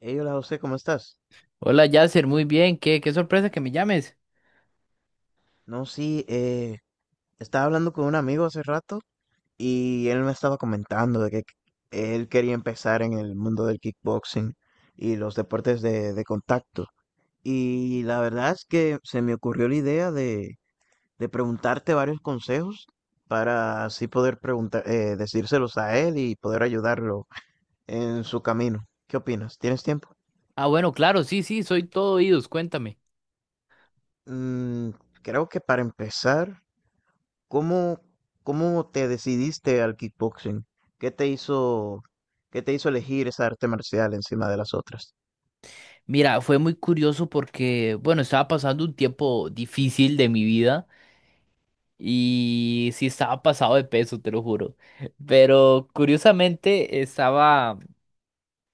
Hey, hola José, ¿cómo estás? Hola Yasser, muy bien, qué sorpresa que me llames. No, sí, estaba hablando con un amigo hace rato y él me estaba comentando de que él quería empezar en el mundo del kickboxing y los deportes de contacto. Y la verdad es que se me ocurrió la idea de preguntarte varios consejos para así poder preguntar, decírselos a él y poder ayudarlo en su camino. ¿Qué opinas? ¿Tienes tiempo? Ah, bueno, claro, sí, sí, soy todo oídos, cuéntame. Mm, Creo que para empezar. ¿Cómo, cómo te decidiste al kickboxing? ¿Qué te hizo, qué te hizo elegir esa arte marcial encima de las otras? Mira, fue muy curioso porque, bueno, estaba pasando un tiempo difícil de mi vida y sí estaba pasado de peso, te lo juro. Pero curiosamente estaba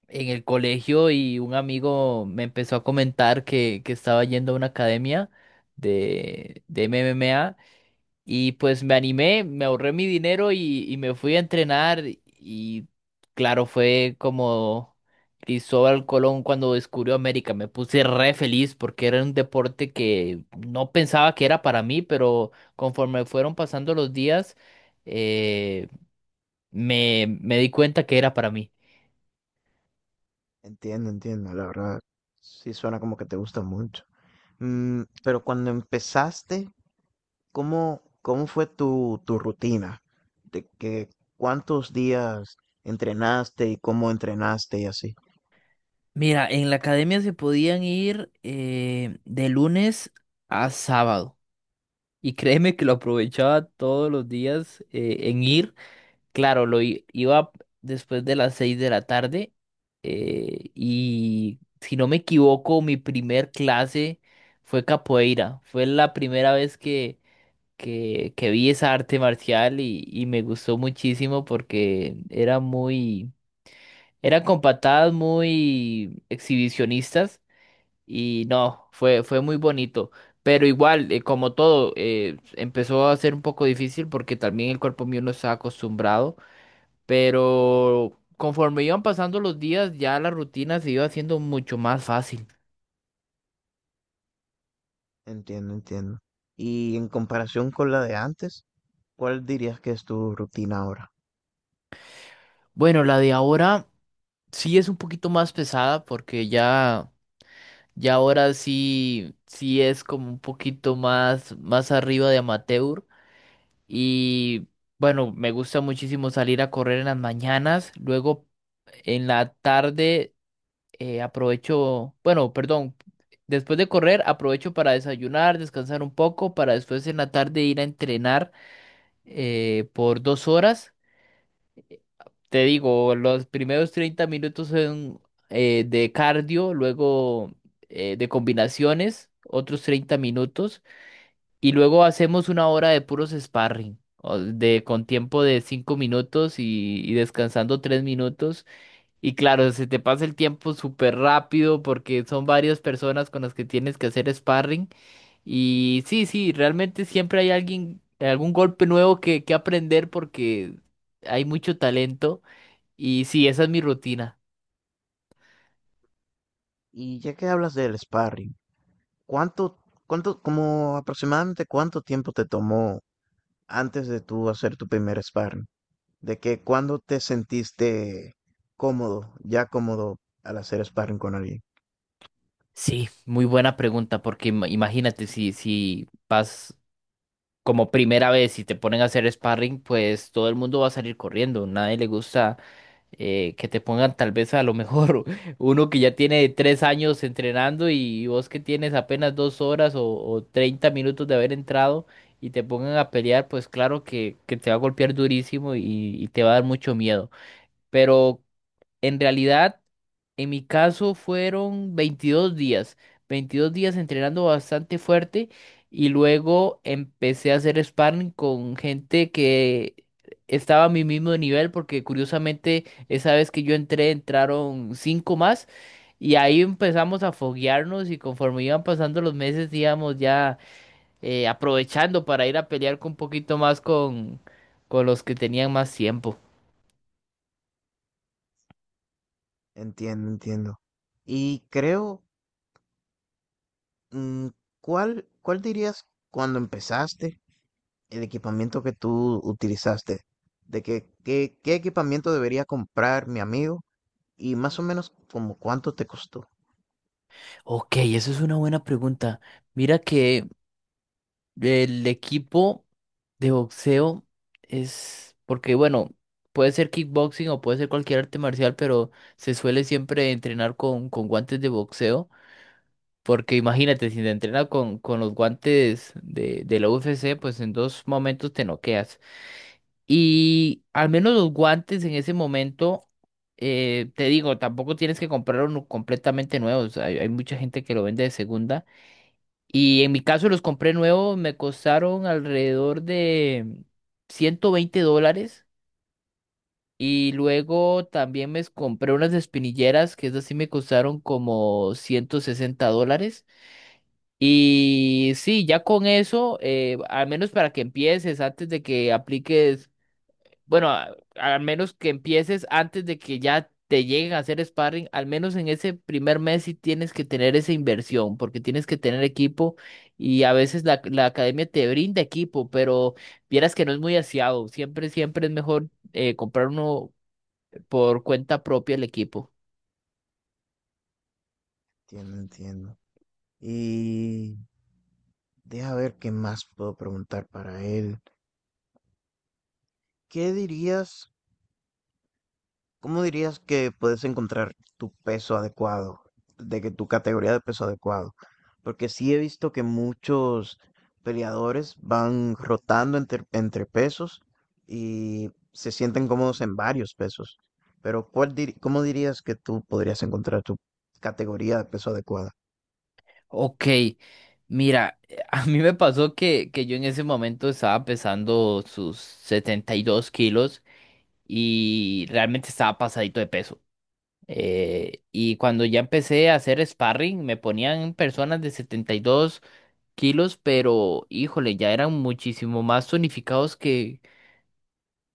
en el colegio y un amigo me empezó a comentar que estaba yendo a una academia de MMA. Y pues me animé, me ahorré mi dinero y me fui a entrenar. Y claro, fue como Cristóbal Colón cuando descubrió América. Me puse re feliz porque era un deporte que no pensaba que era para mí, pero conforme fueron pasando los días, eh, me di cuenta que era para mí. Entiendo, entiendo, la verdad. Sí suena como que te gusta mucho. Pero cuando empezaste, ¿cómo fue tu rutina? ¿De que cuántos días entrenaste y cómo entrenaste y así? Mira, en la academia se podían ir de lunes a sábado. Y créeme que lo aprovechaba todos los días en ir. Claro, iba después de las seis de la tarde, y si no me equivoco, mi primer clase fue capoeira. Fue la primera vez que vi esa arte marcial y me gustó muchísimo porque era muy, eran con patadas muy exhibicionistas y no, fue, fue muy bonito. Pero igual, como todo, empezó a ser un poco difícil porque también el cuerpo mío no estaba acostumbrado. Pero conforme iban pasando los días, ya la rutina se iba haciendo mucho más fácil. Entiendo, entiendo. Y en comparación con la de antes, ¿cuál dirías que es tu rutina ahora? Bueno, la de ahora sí es un poquito más pesada porque ya, ya ahora sí, sí es como un poquito más, más arriba de amateur. Y bueno, me gusta muchísimo salir a correr en las mañanas. Luego en la tarde, aprovecho, bueno, perdón. Después de correr, aprovecho para desayunar, descansar un poco, para después en la tarde ir a entrenar, por 2 horas. Te digo, los primeros 30 minutos son de cardio, luego de combinaciones, otros 30 minutos, y luego hacemos 1 hora de puros sparring, o de, con tiempo de 5 minutos y descansando 3 minutos. Y claro, se te pasa el tiempo súper rápido porque son varias personas con las que tienes que hacer sparring. Y sí, sí, realmente siempre hay alguien, algún golpe nuevo que aprender porque hay mucho talento. Y sí, esa es mi rutina. Y ya que hablas del sparring, ¿Cuánto, como aproximadamente cuánto tiempo te tomó antes de tú hacer tu primer sparring? ¿De que cuándo te sentiste ya cómodo al hacer sparring con alguien? Sí, muy buena pregunta porque imagínate si, si vas como primera vez y te ponen a hacer sparring, pues todo el mundo va a salir corriendo. Nadie le gusta que te pongan tal vez a lo mejor uno que ya tiene 3 años entrenando y vos que tienes apenas 2 horas o 30 minutos de haber entrado y te pongan a pelear, pues claro que te va a golpear durísimo y te va a dar mucho miedo. Pero en realidad, en mi caso fueron 22 días, 22 días entrenando bastante fuerte y luego empecé a hacer sparring con gente que estaba a mi mismo nivel porque curiosamente esa vez que yo entré entraron 5 más y ahí empezamos a foguearnos y conforme iban pasando los meses íbamos ya aprovechando para ir a pelear con un poquito más con los que tenían más tiempo. Entiendo, entiendo. Y creo, mm, ¿cuál dirías cuando empezaste el equipamiento que tú utilizaste? ¿Qué equipamiento debería comprar mi amigo? Y más o menos como cuánto te costó. Ok, eso es una buena pregunta. Mira que el equipo de boxeo es, porque bueno, puede ser kickboxing o puede ser cualquier arte marcial, pero se suele siempre entrenar con guantes de boxeo, porque imagínate, si te entrenas con los guantes de la UFC, pues en dos momentos te noqueas. Y al menos los guantes en ese momento... te digo, tampoco tienes que comprar uno completamente nuevo. O sea, hay mucha gente que lo vende de segunda y en mi caso los compré nuevos, me costaron alrededor de $120. Y luego también me compré unas espinilleras, que esas sí me costaron como $160. Y sí, ya con eso, al menos para que empieces, antes de que apliques bueno, al menos que empieces antes de que ya te lleguen a hacer sparring, al menos en ese primer mes sí tienes que tener esa inversión, porque tienes que tener equipo y a veces la academia te brinda equipo, pero vieras que no es muy aseado. Siempre, siempre es mejor, comprar uno por cuenta propia el equipo. Entiendo, entiendo. Y deja ver qué más puedo preguntar para él. ¿Qué dirías? ¿Cómo dirías que puedes encontrar tu peso adecuado? De que tu categoría de peso adecuado. Porque sí he visto que muchos peleadores van rotando entre pesos y se sienten cómodos en varios pesos. Pero ¿cómo dirías que tú podrías encontrar tu categoría de peso adecuado? Ok, mira, a mí me pasó que yo en ese momento estaba pesando sus 72 kilos y realmente estaba pasadito de peso. Y cuando ya empecé a hacer sparring, me ponían personas de 72 kilos, pero híjole, ya eran muchísimo más tonificados que,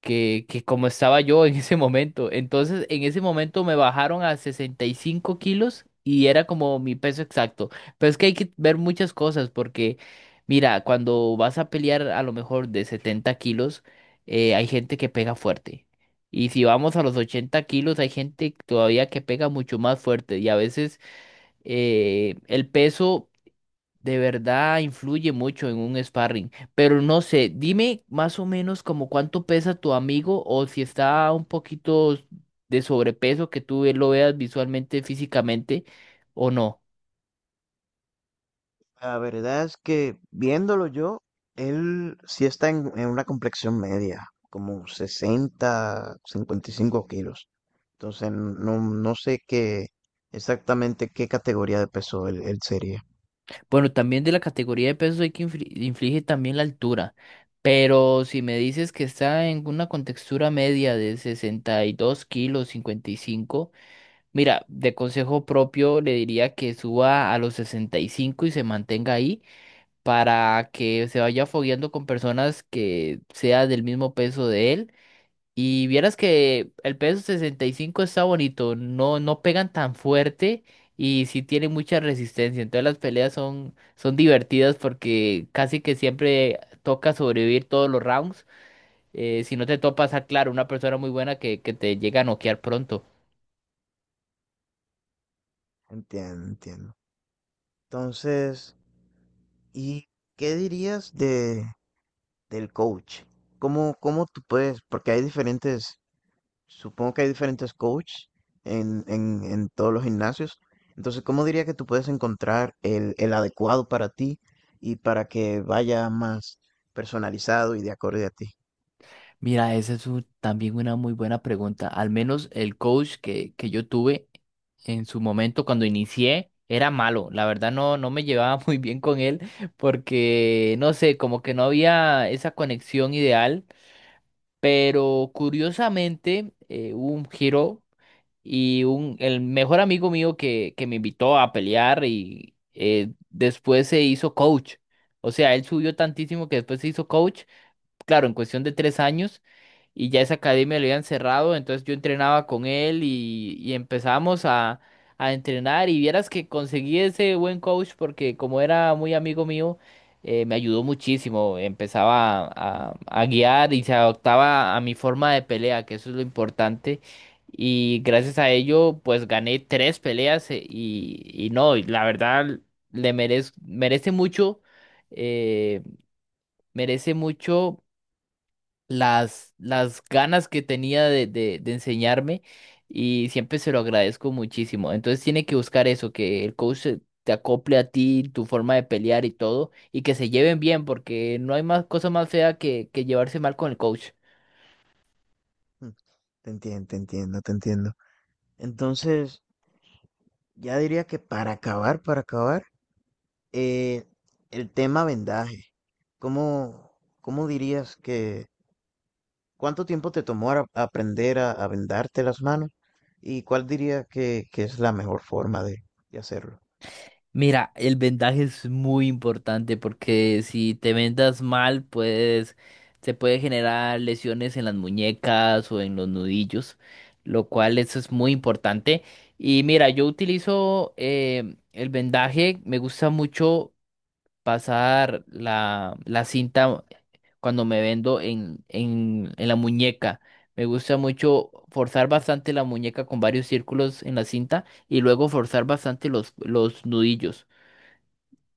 que, que como estaba yo en ese momento. Entonces, en ese momento me bajaron a 65 kilos y era como mi peso exacto. Pero es que hay que ver muchas cosas porque, mira, cuando vas a pelear a lo mejor de 70 kilos, hay gente que pega fuerte. Y si vamos a los 80 kilos, hay gente todavía que pega mucho más fuerte. Y a veces el peso de verdad influye mucho en un sparring. Pero no sé, dime más o menos como cuánto pesa tu amigo o si está un poquito de sobrepeso que tú lo veas visualmente, físicamente o no. La verdad es que viéndolo yo, él sí está en una complexión media, como 60, 55 kilos. Entonces no, no sé qué exactamente qué categoría de peso él, él sería. Bueno, también de la categoría de pesos hay que inflige también la altura. Pero si me dices que está en una contextura media de 62 kilos, 55, mira, de consejo propio le diría que suba a los 65 y cinco y se mantenga ahí para que se vaya fogueando con personas que sea del mismo peso de él. Y vieras que el peso 65 está bonito, no, no pegan tan fuerte y sí tienen mucha resistencia. Entonces las peleas son, son divertidas porque casi que siempre toca sobrevivir todos los rounds, si no te topas a, claro, una persona muy buena que te llega a noquear pronto. Entiendo, entiendo. Entonces, ¿y qué dirías de del coach? ¿Cómo, cómo tú puedes? Porque hay diferentes. Supongo que hay diferentes coaches en todos los gimnasios. Entonces, ¿cómo diría que tú puedes encontrar el adecuado para ti y para que vaya más personalizado y de acorde a ti? Mira, esa es también una muy buena pregunta. Al menos el coach que yo tuve en su momento cuando inicié era malo. La verdad no, no me llevaba muy bien con él porque, no sé, como que no había esa conexión ideal. Pero curiosamente, hubo un giro y un, el mejor amigo mío que me invitó a pelear y, después se hizo coach. O sea, él subió tantísimo que después se hizo coach, claro, en cuestión de 3 años y ya esa academia lo habían cerrado, entonces yo entrenaba con él y empezamos a entrenar y vieras que conseguí ese buen coach porque como era muy amigo mío, me ayudó muchísimo, empezaba a guiar y se adaptaba a mi forma de pelea, que eso es lo importante. Y gracias a ello, pues gané 3 peleas, y no, y la verdad le eh, merece mucho las ganas que tenía de enseñarme y siempre se lo agradezco muchísimo. Entonces tiene que buscar eso, que el coach te acople a ti, tu forma de pelear y todo, y que se lleven bien, porque no hay más cosa más fea que llevarse mal con el coach. Mm, Te entiendo, te entiendo, te entiendo. Entonces, ya diría que para acabar, eh, el tema vendaje. ¿Cómo, cómo dirías que, ¿cuánto tiempo te tomó aprender a vendarte las manos? ¿Y cuál diría que es la mejor forma de hacerlo? Mira, el vendaje es muy importante porque si te vendas mal, pues se puede generar lesiones en las muñecas o en los nudillos, lo cual eso es muy importante. Y mira, yo utilizo, el vendaje, me gusta mucho pasar la cinta cuando me vendo en la muñeca. Me gusta mucho forzar bastante la muñeca con varios círculos en la cinta y luego forzar bastante los nudillos.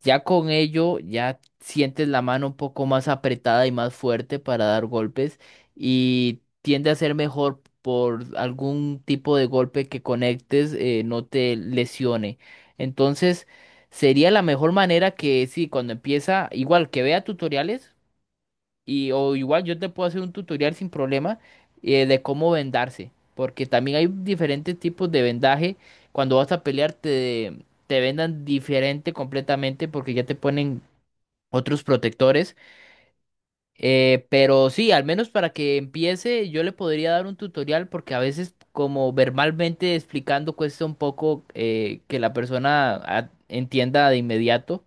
Ya con ello, ya sientes la mano un poco más apretada y más fuerte para dar golpes y tiende a ser mejor por algún tipo de golpe que conectes, no te lesione. Entonces, sería la mejor manera que sí, cuando empieza, igual que vea tutoriales. Y, o igual yo te puedo hacer un tutorial sin problema, de cómo vendarse. Porque también hay diferentes tipos de vendaje. Cuando vas a pelear te, te vendan diferente completamente porque ya te ponen otros protectores. Pero sí, al menos para que empiece yo le podría dar un tutorial porque a veces como verbalmente explicando cuesta un poco, que la persona ah, entienda de inmediato.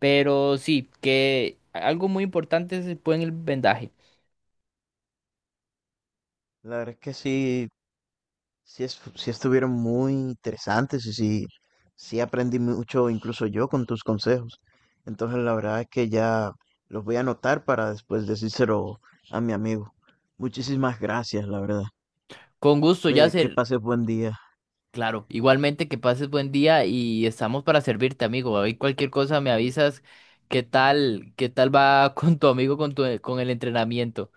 Pero sí, que algo muy importante es el buen vendaje. La verdad es que sí, sí, sí estuvieron muy interesantes y sí, sí aprendí mucho incluso yo con tus consejos. Entonces la verdad es que ya los voy a anotar para después decírselo a mi amigo. Muchísimas gracias, la verdad. Con gusto, Que Yasser. pases buen día. Claro, igualmente que pases buen día y estamos para servirte, amigo. Ahí cualquier cosa me avisas qué tal va con tu amigo, con tu, con el entrenamiento.